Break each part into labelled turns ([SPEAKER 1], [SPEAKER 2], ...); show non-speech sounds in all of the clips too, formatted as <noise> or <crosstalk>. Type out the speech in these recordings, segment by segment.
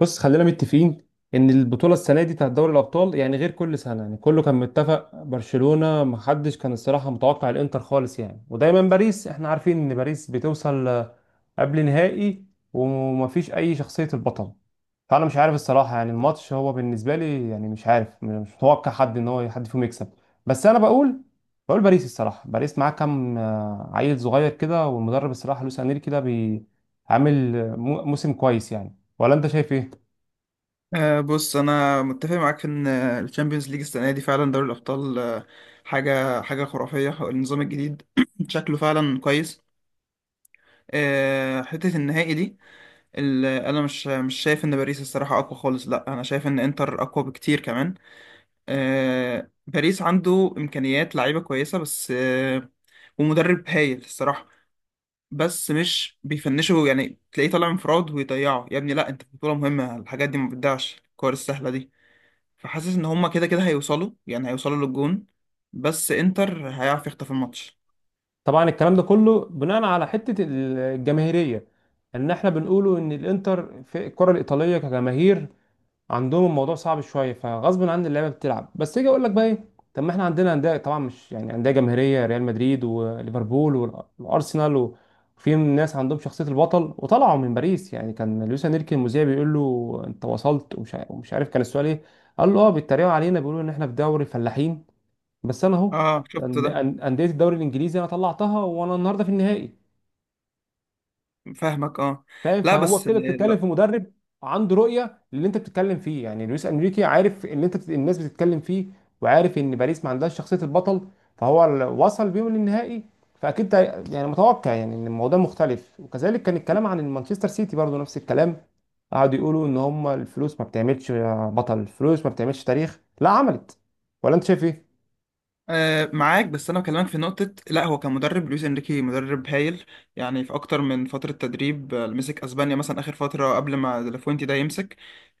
[SPEAKER 1] بص، خلينا متفقين ان البطوله السنه دي بتاعت دوري الابطال. يعني غير كل سنه، يعني كله كان متفق برشلونه. ما حدش كان الصراحه متوقع الانتر خالص يعني. ودايما باريس احنا عارفين ان باريس بتوصل قبل نهائي، ومفيش اي شخصيه البطل. فانا مش عارف الصراحه، يعني الماتش هو بالنسبه لي يعني مش عارف، مش متوقع حد ان هو حد فيهم يكسب. بس انا بقول باريس. الصراحه باريس معاه كام عيل صغير كده، والمدرب الصراحه لويس انريكي ده عامل موسم كويس يعني. ولا انت شايف ايه؟
[SPEAKER 2] بص، انا متفق معاك في ان الشامبيونز ليج السنه دي فعلا دوري الابطال. حاجه خرافيه، النظام الجديد <clears throat> شكله فعلا كويس. حته النهائي دي انا مش شايف ان باريس الصراحه اقوى خالص، لا انا شايف ان انتر اقوى بكتير كمان. باريس عنده امكانيات لعيبه كويسه بس، ومدرب هايل الصراحه. بس مش بيفنشوا، يعني تلاقيه طالع انفراد ويضيعه. يا ابني لا، انت في بطوله مهمه الحاجات دي ما بتضيعش، الكور السهله دي. فحاسس ان هما كده كده هيوصلوا، يعني هيوصلوا للجون، بس انتر هيعرف يخطف الماتش.
[SPEAKER 1] طبعا الكلام ده كله بناء على حته الجماهيريه، ان احنا بنقوله ان الانتر في الكره الايطاليه كجماهير عندهم الموضوع صعب شويه، فغصب عن اللعيبه بتلعب. بس اجي اقول لك بقى ايه؟ طب ما احنا عندنا انديه، طبعا مش يعني انديه جماهيريه، ريال مدريد وليفربول والارسنال، وفي ناس عندهم شخصيه البطل، وطلعوا من باريس. يعني كان لويس انريكي، المذيع بيقول له انت وصلت، ومش عارف كان السؤال ايه. قال له اه بيتريقوا علينا بيقولوا ان احنا في دوري الفلاحين، بس انا اهو،
[SPEAKER 2] اه، شفت ده.
[SPEAKER 1] انديه الدوري الانجليزي انا طلعتها، وانا النهارده في النهائي.
[SPEAKER 2] فاهمك، اه.
[SPEAKER 1] فاهم؟
[SPEAKER 2] لا
[SPEAKER 1] فهو
[SPEAKER 2] بس
[SPEAKER 1] كده بتتكلم
[SPEAKER 2] لا.
[SPEAKER 1] في مدرب عنده رؤيه للي انت بتتكلم فيه. يعني لويس انريكي عارف اللي الناس بتتكلم فيه، وعارف ان باريس ما عندهاش شخصيه البطل، فهو وصل بيهم للنهائي. فاكيد ده يعني متوقع، يعني ان الموضوع مختلف. وكذلك كان الكلام عن المانشستر سيتي، برضو نفس الكلام، قعدوا يقولوا ان هم الفلوس ما بتعملش بطل، الفلوس ما بتعملش تاريخ. لا، عملت. ولا انت شايف ايه؟
[SPEAKER 2] آه، معاك، بس انا بكلمك في نقطة. لا هو كمدرب لويس انريكي مدرب هايل، يعني في اكتر من فترة تدريب، مسك اسبانيا مثلا اخر فترة قبل ما ديلافوينتي ده يمسك،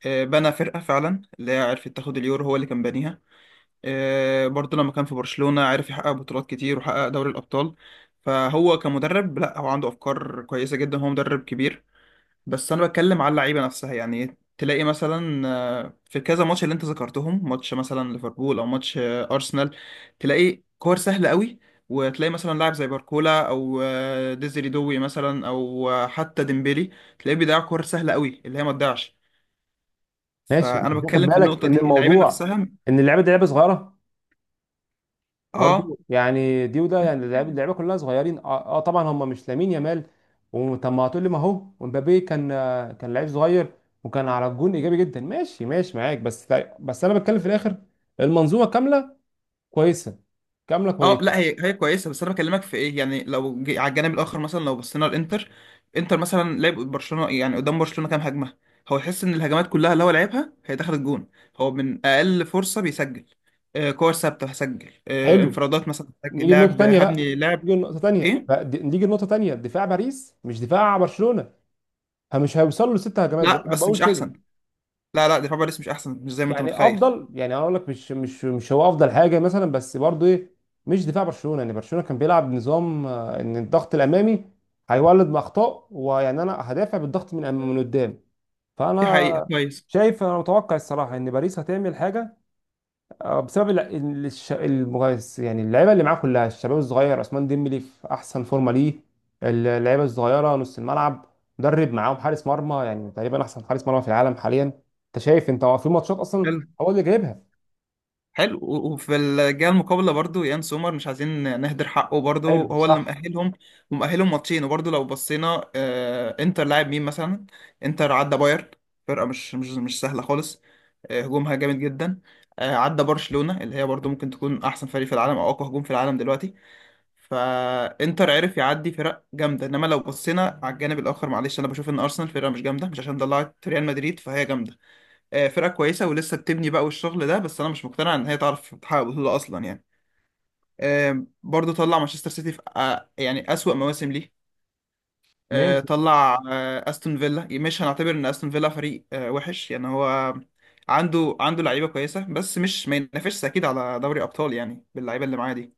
[SPEAKER 2] بنى فرقة فعلا اللي هي عرفت تاخد اليورو، هو اللي كان بانيها. برضه لما كان في برشلونة عرف يحقق بطولات كتير وحقق دوري الأبطال. فهو كمدرب لا، هو عنده أفكار كويسة جدا، هو مدرب كبير. بس أنا بتكلم على اللعيبة نفسها، يعني تلاقي مثلا في كذا ماتش اللي أنت ذكرتهم، ماتش مثلا ليفربول أو ماتش أرسنال، تلاقي كور سهلة قوي. وتلاقي مثلا لاعب زي باركولا أو ديزري دوي مثلا، أو حتى ديمبيلي تلاقيه بيضيع كور سهلة قوي اللي هي ما تضيعش.
[SPEAKER 1] ماشي، انت
[SPEAKER 2] فأنا
[SPEAKER 1] مش واخد
[SPEAKER 2] بتكلم في
[SPEAKER 1] بالك
[SPEAKER 2] النقطة
[SPEAKER 1] ان
[SPEAKER 2] دي، اللعيبة
[SPEAKER 1] الموضوع،
[SPEAKER 2] نفسها.
[SPEAKER 1] ان اللعبه دي لعبه صغيره
[SPEAKER 2] اه،
[SPEAKER 1] برضو يعني؟ دي وده يعني، اللعبه كلها صغيرين طبعا. هم مش لامين يامال. وطب ما هتقول لي، ما هو ومبابي كان كان لعيب صغير، وكان على الجون ايجابي جدا. ماشي ماشي معاك، بس بس انا بتكلم في الاخر، المنظومه كامله كويسه، كامله
[SPEAKER 2] اه. لا
[SPEAKER 1] كويسه.
[SPEAKER 2] هي هي كويسه، بس انا بكلمك في ايه. يعني لو على الجانب الاخر مثلا، لو بصينا الانتر. انتر مثلا لعب برشلونه، يعني قدام برشلونه كام هجمه هو يحس ان الهجمات كلها اللي هو لعبها هي دخلت جون. هو من اقل فرصه بيسجل، كور ثابته هسجل،
[SPEAKER 1] حلو.
[SPEAKER 2] انفرادات مثلا هسجل،
[SPEAKER 1] نيجي لنقطه
[SPEAKER 2] لاعب
[SPEAKER 1] تانيه بقى.
[SPEAKER 2] هبني لاعب. ايه؟
[SPEAKER 1] نيجي لنقطه تانيه: دفاع باريس مش دفاع برشلونه، فمش هيوصلوا لست هجمات
[SPEAKER 2] لا
[SPEAKER 1] بقى. انا
[SPEAKER 2] بس
[SPEAKER 1] بقول
[SPEAKER 2] مش
[SPEAKER 1] كده.
[SPEAKER 2] احسن، لا لا دفاع باريس مش احسن، مش زي ما انت
[SPEAKER 1] يعني
[SPEAKER 2] متخيل.
[SPEAKER 1] افضل، يعني هقول لك مش هو افضل حاجه مثلا، بس برضو ايه؟ مش دفاع برشلونه. يعني برشلونه كان بيلعب نظام ان الضغط الامامي هيولد باخطاء. ويعني انا هدافع بالضغط من من قدام.
[SPEAKER 2] دي حقيقه،
[SPEAKER 1] فانا
[SPEAKER 2] كويس.
[SPEAKER 1] شايف، انا متوقع الصراحه ان باريس هتعمل حاجه، بسبب المغيس، يعني اللعيبه اللي معاه كلها الشباب الصغير، عثمان ديمبلي في احسن فورمه ليه، اللعيبه الصغيره نص الملعب، مدرب معاهم، حارس مرمى يعني تقريبا احسن حارس مرمى في العالم حاليا. انت شايف؟ انت هو في ماتشات اصلا هو اللي جايبها.
[SPEAKER 2] حلو، وفي الجهه المقابله برضو يان سومر، مش عايزين نهدر حقه، برضو
[SPEAKER 1] حلو،
[SPEAKER 2] هو اللي
[SPEAKER 1] صح،
[SPEAKER 2] مأهلهم، ومأهلهم ماتشين. وبرضو لو بصينا انتر لاعب مين مثلا؟ انتر عدى بايرن، فرقه مش سهله خالص. هجومها جامد جدا. عدى برشلونه اللي هي برضو ممكن تكون احسن فريق في العالم، او اقوى هجوم في العالم دلوقتي. فانتر عرف يعدي فرق جامده، انما لو بصينا على الجانب الاخر، معلش انا بشوف ان ارسنال فرقه مش جامده، مش عشان طلعت ريال مدريد فهي جامده. فرقة كويسة ولسه بتبني بقى والشغل ده، بس أنا مش مقتنع إن هي تعرف تحقق بطولة أصلا يعني. برضه طلع مانشستر سيتي في يعني أسوأ مواسم ليه.
[SPEAKER 1] ماشي.
[SPEAKER 2] طلع أستون فيلا. مش هنعتبر إن أستون فيلا فريق وحش يعني، هو عنده لعيبة كويسة بس مش ما ينافسش أكيد على دوري أبطال يعني، باللعيبة اللي معاه دي.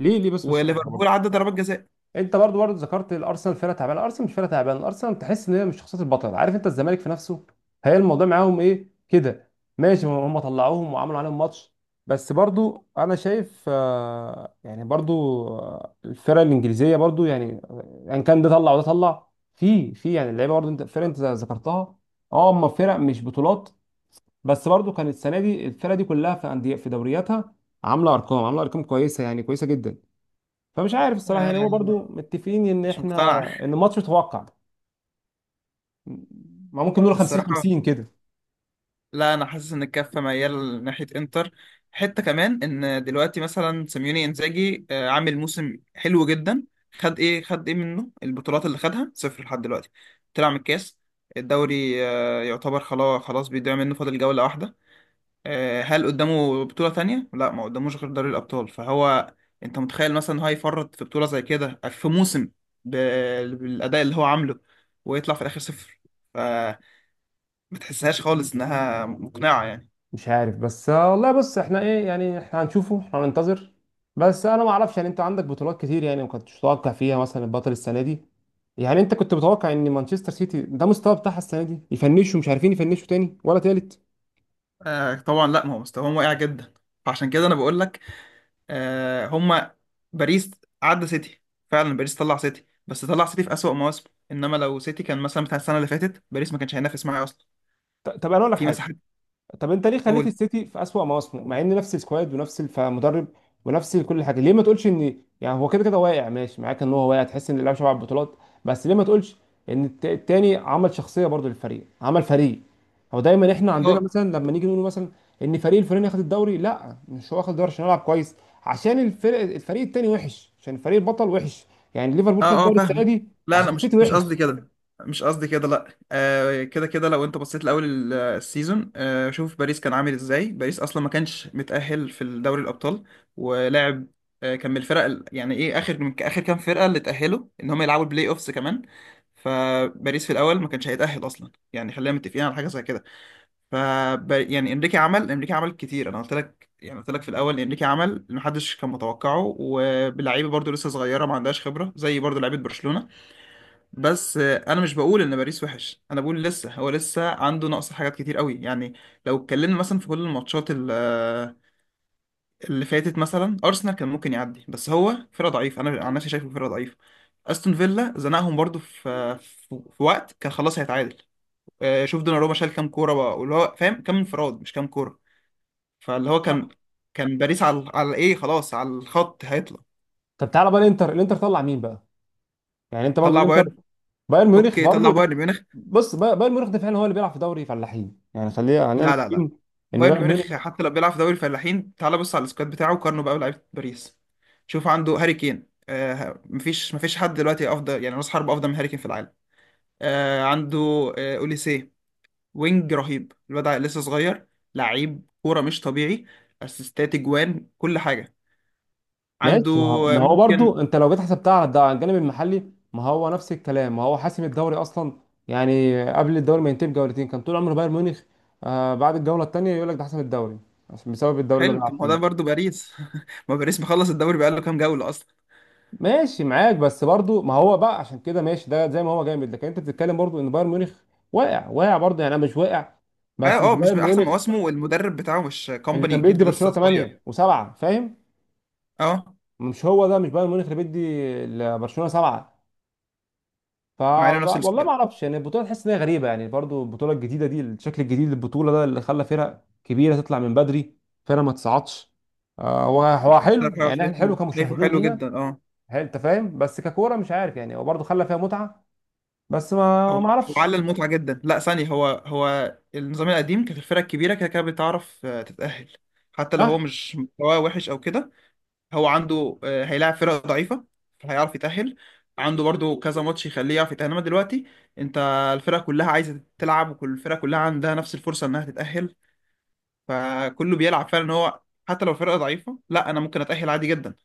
[SPEAKER 1] ليه بس بالصراحه برضه،
[SPEAKER 2] وليفربول عدى ضربات جزاء.
[SPEAKER 1] انت برضو ذكرت الارسنال فرقه تعبانه. الارسنال مش فرقه تعبانه، الارسنال تحس ان هي مش شخصيه البطل، عارف انت الزمالك في نفسه. هي الموضوع معاهم ايه كده؟ ماشي، هم طلعوهم وعملوا عليهم ماتش، بس برضو انا شايف يعني برضو الفرق الانجليزيه برضو يعني ان كان ده طلع وده طلع. في يعني اللعيبه برضو، انت الفرق انت ذكرتها، اه، هم فرق مش بطولات. بس برضو كانت السنه دي الفرق دي كلها في انديه في دورياتها عامله ارقام، عامله ارقام كويسه، يعني كويسه جدا. فمش عارف الصراحه. يعني هو
[SPEAKER 2] آه،
[SPEAKER 1] برضو متفقين ان
[SPEAKER 2] مش
[SPEAKER 1] احنا
[SPEAKER 2] مقتنع.
[SPEAKER 1] ان الماتش متوقع. ما ممكن نقول
[SPEAKER 2] <laughs>
[SPEAKER 1] 50
[SPEAKER 2] الصراحة
[SPEAKER 1] 50 كده.
[SPEAKER 2] لا، انا حاسس ان الكفه ميال ناحيه انتر. حته كمان ان دلوقتي مثلا سيميوني انزاجي عامل موسم حلو جدا. خد ايه منه؟ البطولات اللي خدها صفر لحد دلوقتي. طلع من الكاس، الدوري يعتبر خلاص خلاص بيضيع منه، فاضل جوله واحده. هل قدامه بطوله تانية؟ لا، ما قداموش غير دوري الابطال. فهو انت متخيل مثلا إن هو يفرط في بطوله زي كده في موسم ب- بالاداء اللي هو عامله ويطلع في الاخر صفر؟ فما تحسهاش خالص انها مقنعه يعني.
[SPEAKER 1] مش عارف، بس والله. بص، احنا ايه يعني، احنا هنشوفه، احنا هننتظر. بس انا ما اعرفش. يعني انت عندك بطولات كتير يعني ما كنتش متوقع فيها مثلا البطل السنه دي. يعني انت كنت متوقع ان مانشستر سيتي ده مستوى بتاعها السنه دي؟ يفنشوا، مش عارفين يفنشوا تاني ولا تالت.
[SPEAKER 2] آه طبعا. لا ما هو مستواهم واقع جدا، فعشان كده انا بقول لك، هما، باريس عدى سيتي. فعلا باريس طلع سيتي، بس طلع سيتي في أسوأ مواسمه، انما لو سيتي كان مثلا بتاع السنه اللي فاتت باريس ما كانش هينافس معاه اصلا.
[SPEAKER 1] طب انا اقول لك
[SPEAKER 2] في
[SPEAKER 1] حاجه.
[SPEAKER 2] مساحات.
[SPEAKER 1] طب انت ليه خليت
[SPEAKER 2] قول.
[SPEAKER 1] السيتي في اسوأ مواسمه، مع ان نفس السكواد، ونفس مدرب، ونفس كل حاجه؟ ليه ما تقولش ان يعني هو كده كده واقع؟ ماشي معاك ان هو واقع، تحس ان اللاعب شبع على البطولات، بس ليه ما تقولش ان التاني عمل شخصيه برضو للفريق، عمل فريق؟ هو دايما احنا عندنا
[SPEAKER 2] اه،
[SPEAKER 1] مثلا لما نيجي نقول مثلا ان فريق الفلاني اخد الدوري، لا، مش هو اخد الدوري عشان يلعب كويس، عشان الفرق، الفريق التاني وحش، عشان الفريق البطل وحش. يعني ليفربول خد
[SPEAKER 2] اه، اه،
[SPEAKER 1] الدوري السنه
[SPEAKER 2] فاهمك.
[SPEAKER 1] دي
[SPEAKER 2] لا انا
[SPEAKER 1] عشان
[SPEAKER 2] مش
[SPEAKER 1] السيتي
[SPEAKER 2] مش
[SPEAKER 1] وحش.
[SPEAKER 2] قصدي كده، مش قصدي كده، لا. كده كده لو انت بصيت لاول السيزون، شوف باريس كان عامل ازاي. باريس اصلا ما كانش متأهل في دوري الابطال ولعب، كان من الفرق يعني ايه، اخر من اخر كام فرقة اللي تأهلوا، ان هم يلعبوا البلاي اوفس كمان. فباريس في الاول ما كانش هيتأهل اصلا، يعني خلينا متفقين على حاجة زي كده. ف يعني انريكي عمل كتير، انا قلت لك، يعني قلت لك في الاول انريكي عمل اللي محدش كان متوقعه، وبلعيبه برضو لسه صغيره ما عندهاش خبره زي برضو لعيبه برشلونه. بس انا مش بقول ان باريس وحش، انا بقول لسه هو لسه عنده نقص حاجات كتير قوي يعني. لو اتكلمنا مثلا في كل الماتشات اللي فاتت، مثلا ارسنال كان ممكن يعدي، بس هو فرقه ضعيفه، انا عن نفسي شايفه فرقه ضعيفه. استون فيلا زنقهم برضو في وقت كان خلاص هيتعادل. شوف دوناروما شال كام كوره بقى، واللي هو فاهم كام انفراد مش كام كوره. فاللي هو كان،
[SPEAKER 1] صح.
[SPEAKER 2] كان باريس على ايه، خلاص، على الخط هيطلع.
[SPEAKER 1] طب تعالى بقى الانتر طلع مين بقى؟ يعني انت برضو
[SPEAKER 2] طلع
[SPEAKER 1] الانتر
[SPEAKER 2] بايرن.
[SPEAKER 1] بايرن ميونخ
[SPEAKER 2] اوكي، طلع
[SPEAKER 1] برضو.
[SPEAKER 2] بايرن ميونخ.
[SPEAKER 1] بص، بايرن ميونخ ده فعلا هو اللي بيلعب في دوري فلاحين. يعني خلينا
[SPEAKER 2] لا لا لا،
[SPEAKER 1] متفقين ان
[SPEAKER 2] بايرن
[SPEAKER 1] بايرن
[SPEAKER 2] ميونخ
[SPEAKER 1] ميونخ
[SPEAKER 2] حتى لو بيلعب في دوري الفلاحين، تعال بص على السكواد بتاعه وقارنه بقى لعيبه باريس. شوف عنده هاري كين، مفيش حد دلوقتي افضل، يعني راس حربة افضل من هاري كين في العالم. عنده اوليسيه، وينج رهيب، الواد لسه صغير، لعيب كوره مش طبيعي، اسيستات، اجوان، كل حاجه عنده.
[SPEAKER 1] ماشي. ما هو ما هو برضو،
[SPEAKER 2] ممكن.
[SPEAKER 1] انت لو جيت حسبتها على على الجانب المحلي، ما هو نفس الكلام. ما هو حاسم الدوري اصلا. يعني قبل الدوري ما ينتهي بجولتين كان طول عمر بايرن ميونخ بعد الجوله الثانيه يقول لك ده حسم الدوري، عشان بسبب الدوري اللي
[SPEAKER 2] حلو،
[SPEAKER 1] بيلعب
[SPEAKER 2] طب ما هو ده
[SPEAKER 1] فيه.
[SPEAKER 2] برضه باريس. <laughs> ما باريس مخلص الدوري بقاله كام جولة أصلا.
[SPEAKER 1] ماشي معاك. بس برضو ما هو بقى عشان كده ماشي، ده زي ما هو جامد. لكن انت بتتكلم برضو ان بايرن ميونخ واقع، واقع برضو يعني. انا مش واقع، بس
[SPEAKER 2] اه،
[SPEAKER 1] مش
[SPEAKER 2] اه، مش
[SPEAKER 1] بايرن
[SPEAKER 2] من أحسن
[SPEAKER 1] ميونخ
[SPEAKER 2] مواسمه، والمدرب بتاعه مش
[SPEAKER 1] اللي
[SPEAKER 2] كومباني،
[SPEAKER 1] كان
[SPEAKER 2] أكيد
[SPEAKER 1] بيدي
[SPEAKER 2] لسه
[SPEAKER 1] برشلونه
[SPEAKER 2] صغير.
[SPEAKER 1] 8 و7. فاهم؟
[SPEAKER 2] اه،
[SPEAKER 1] مش هو ده مش بايرن ميونخ اللي بيدي لبرشلونه 7. ف،
[SPEAKER 2] مع إنه نفس
[SPEAKER 1] والله ما
[SPEAKER 2] السكواد.
[SPEAKER 1] اعرفش. يعني البطوله تحس ان هي غريبه، يعني برضو البطوله الجديده دي، الشكل الجديد للبطوله ده اللي خلى فرق كبيره تطلع من بدري، فرق ما تصعدش. هو حلو
[SPEAKER 2] بصراحة،
[SPEAKER 1] يعني، احنا حلو
[SPEAKER 2] شايفه
[SPEAKER 1] كمشاهدين
[SPEAKER 2] حلو جدا،
[SPEAKER 1] لينا.
[SPEAKER 2] اه.
[SPEAKER 1] هل انت فاهم؟ بس ككوره مش عارف يعني، هو برضو خلى فيها متعه. بس
[SPEAKER 2] هو
[SPEAKER 1] ما
[SPEAKER 2] هو
[SPEAKER 1] اعرفش.
[SPEAKER 2] على المتعة، جدا. لا ثانية، هو هو النظام القديم كانت الفرق الكبيرة كده كده بتعرف تتأهل، حتى لو هو
[SPEAKER 1] صح.
[SPEAKER 2] مش مستواه وحش أو كده. هو عنده هيلاعب فرق ضعيفة فهيعرف يتأهل، عنده برضو كذا ماتش يخليه يعرف يتأهل، انما دلوقتي انت، الفرق كلها عايزة تلعب، وكل الفرق كلها عندها نفس الفرصة انها تتأهل. فكله بيلعب فعلا إن هو حتى لو فرقة ضعيفة، لا انا ممكن اتأهل عادي جدا.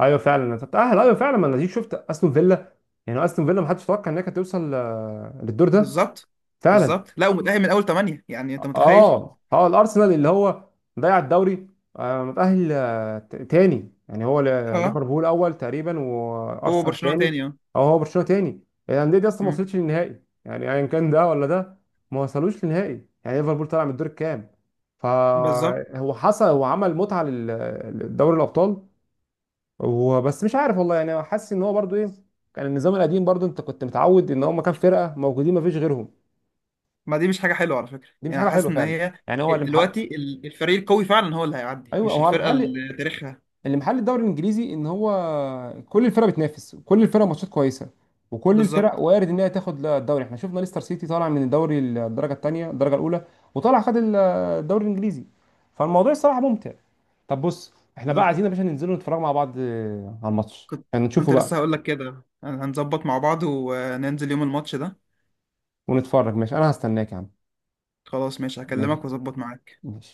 [SPEAKER 1] ايوه فعلا أنا تتاهل. ايوه فعلا، ما انا دي شفت استون فيلا. يعني استون فيلا ما حدش يتوقع انها كانت توصل للدور ده
[SPEAKER 2] بالظبط.
[SPEAKER 1] فعلا.
[SPEAKER 2] بالظبط، لا، ومتأهل من اول ثمانية، يعني انت متخيل.
[SPEAKER 1] اه اه الارسنال اللي هو ضيع الدوري، متاهل تاني. يعني هو
[SPEAKER 2] <laughs> اه.
[SPEAKER 1] ليفربول اول تقريبا
[SPEAKER 2] هو
[SPEAKER 1] وارسنال
[SPEAKER 2] برشلونة تاني،
[SPEAKER 1] تاني،
[SPEAKER 2] اه.
[SPEAKER 1] او هو برشلونه تاني. الانديه دي اصلا ما
[SPEAKER 2] أمم،
[SPEAKER 1] وصلتش للنهائي، يعني ايا كان ده ولا ده ما وصلوش للنهائي. يعني ليفربول طلع من الدور الكام.
[SPEAKER 2] بالظبط.
[SPEAKER 1] فهو حصل، هو عمل متعه لدوري الابطال وبس. مش عارف والله يعني، حاسس ان هو برضو ايه. كان النظام القديم برضو انت كنت متعود ان هم كام فرقه موجودين ما فيش غيرهم.
[SPEAKER 2] ما دي مش حاجة حلوة على فكرة،
[SPEAKER 1] دي مش
[SPEAKER 2] يعني
[SPEAKER 1] حاجه
[SPEAKER 2] حاسس
[SPEAKER 1] حلوه
[SPEAKER 2] ان
[SPEAKER 1] فعلا
[SPEAKER 2] هي
[SPEAKER 1] يعني. هو اللي محقق.
[SPEAKER 2] دلوقتي، الفريق القوي فعلا هو اللي هيعدي،
[SPEAKER 1] ايوه
[SPEAKER 2] مش
[SPEAKER 1] هو
[SPEAKER 2] الفرقة
[SPEAKER 1] المحل،
[SPEAKER 2] اللي تاريخها.
[SPEAKER 1] اللي محل الدوري الانجليزي ان هو كل الفرق بتنافس كل الفرق، ماتشات كويسه، وكل الفرق
[SPEAKER 2] بالظبط.
[SPEAKER 1] وارد ان هي تاخد لا الدوري. احنا شفنا ليستر سيتي طالع من الدوري الدرجه الثانيه الدرجه الاولى، وطالع خد الدوري الانجليزي. فالموضوع الصراحه ممتع. طب بص، احنا بقى عايزين يا باشا ننزل نتفرج مع بعض على الماتش،
[SPEAKER 2] كنت
[SPEAKER 1] يعني نشوفه
[SPEAKER 2] كنت لسه
[SPEAKER 1] بقى
[SPEAKER 2] هقول لك كده، هنظبط مع بعض وننزل يوم الماتش ده.
[SPEAKER 1] ونتفرج. ماشي، انا هستناك يا عم.
[SPEAKER 2] خلاص، ماشي،
[SPEAKER 1] ماشي
[SPEAKER 2] هكلمك واظبط معاك.
[SPEAKER 1] ماشي.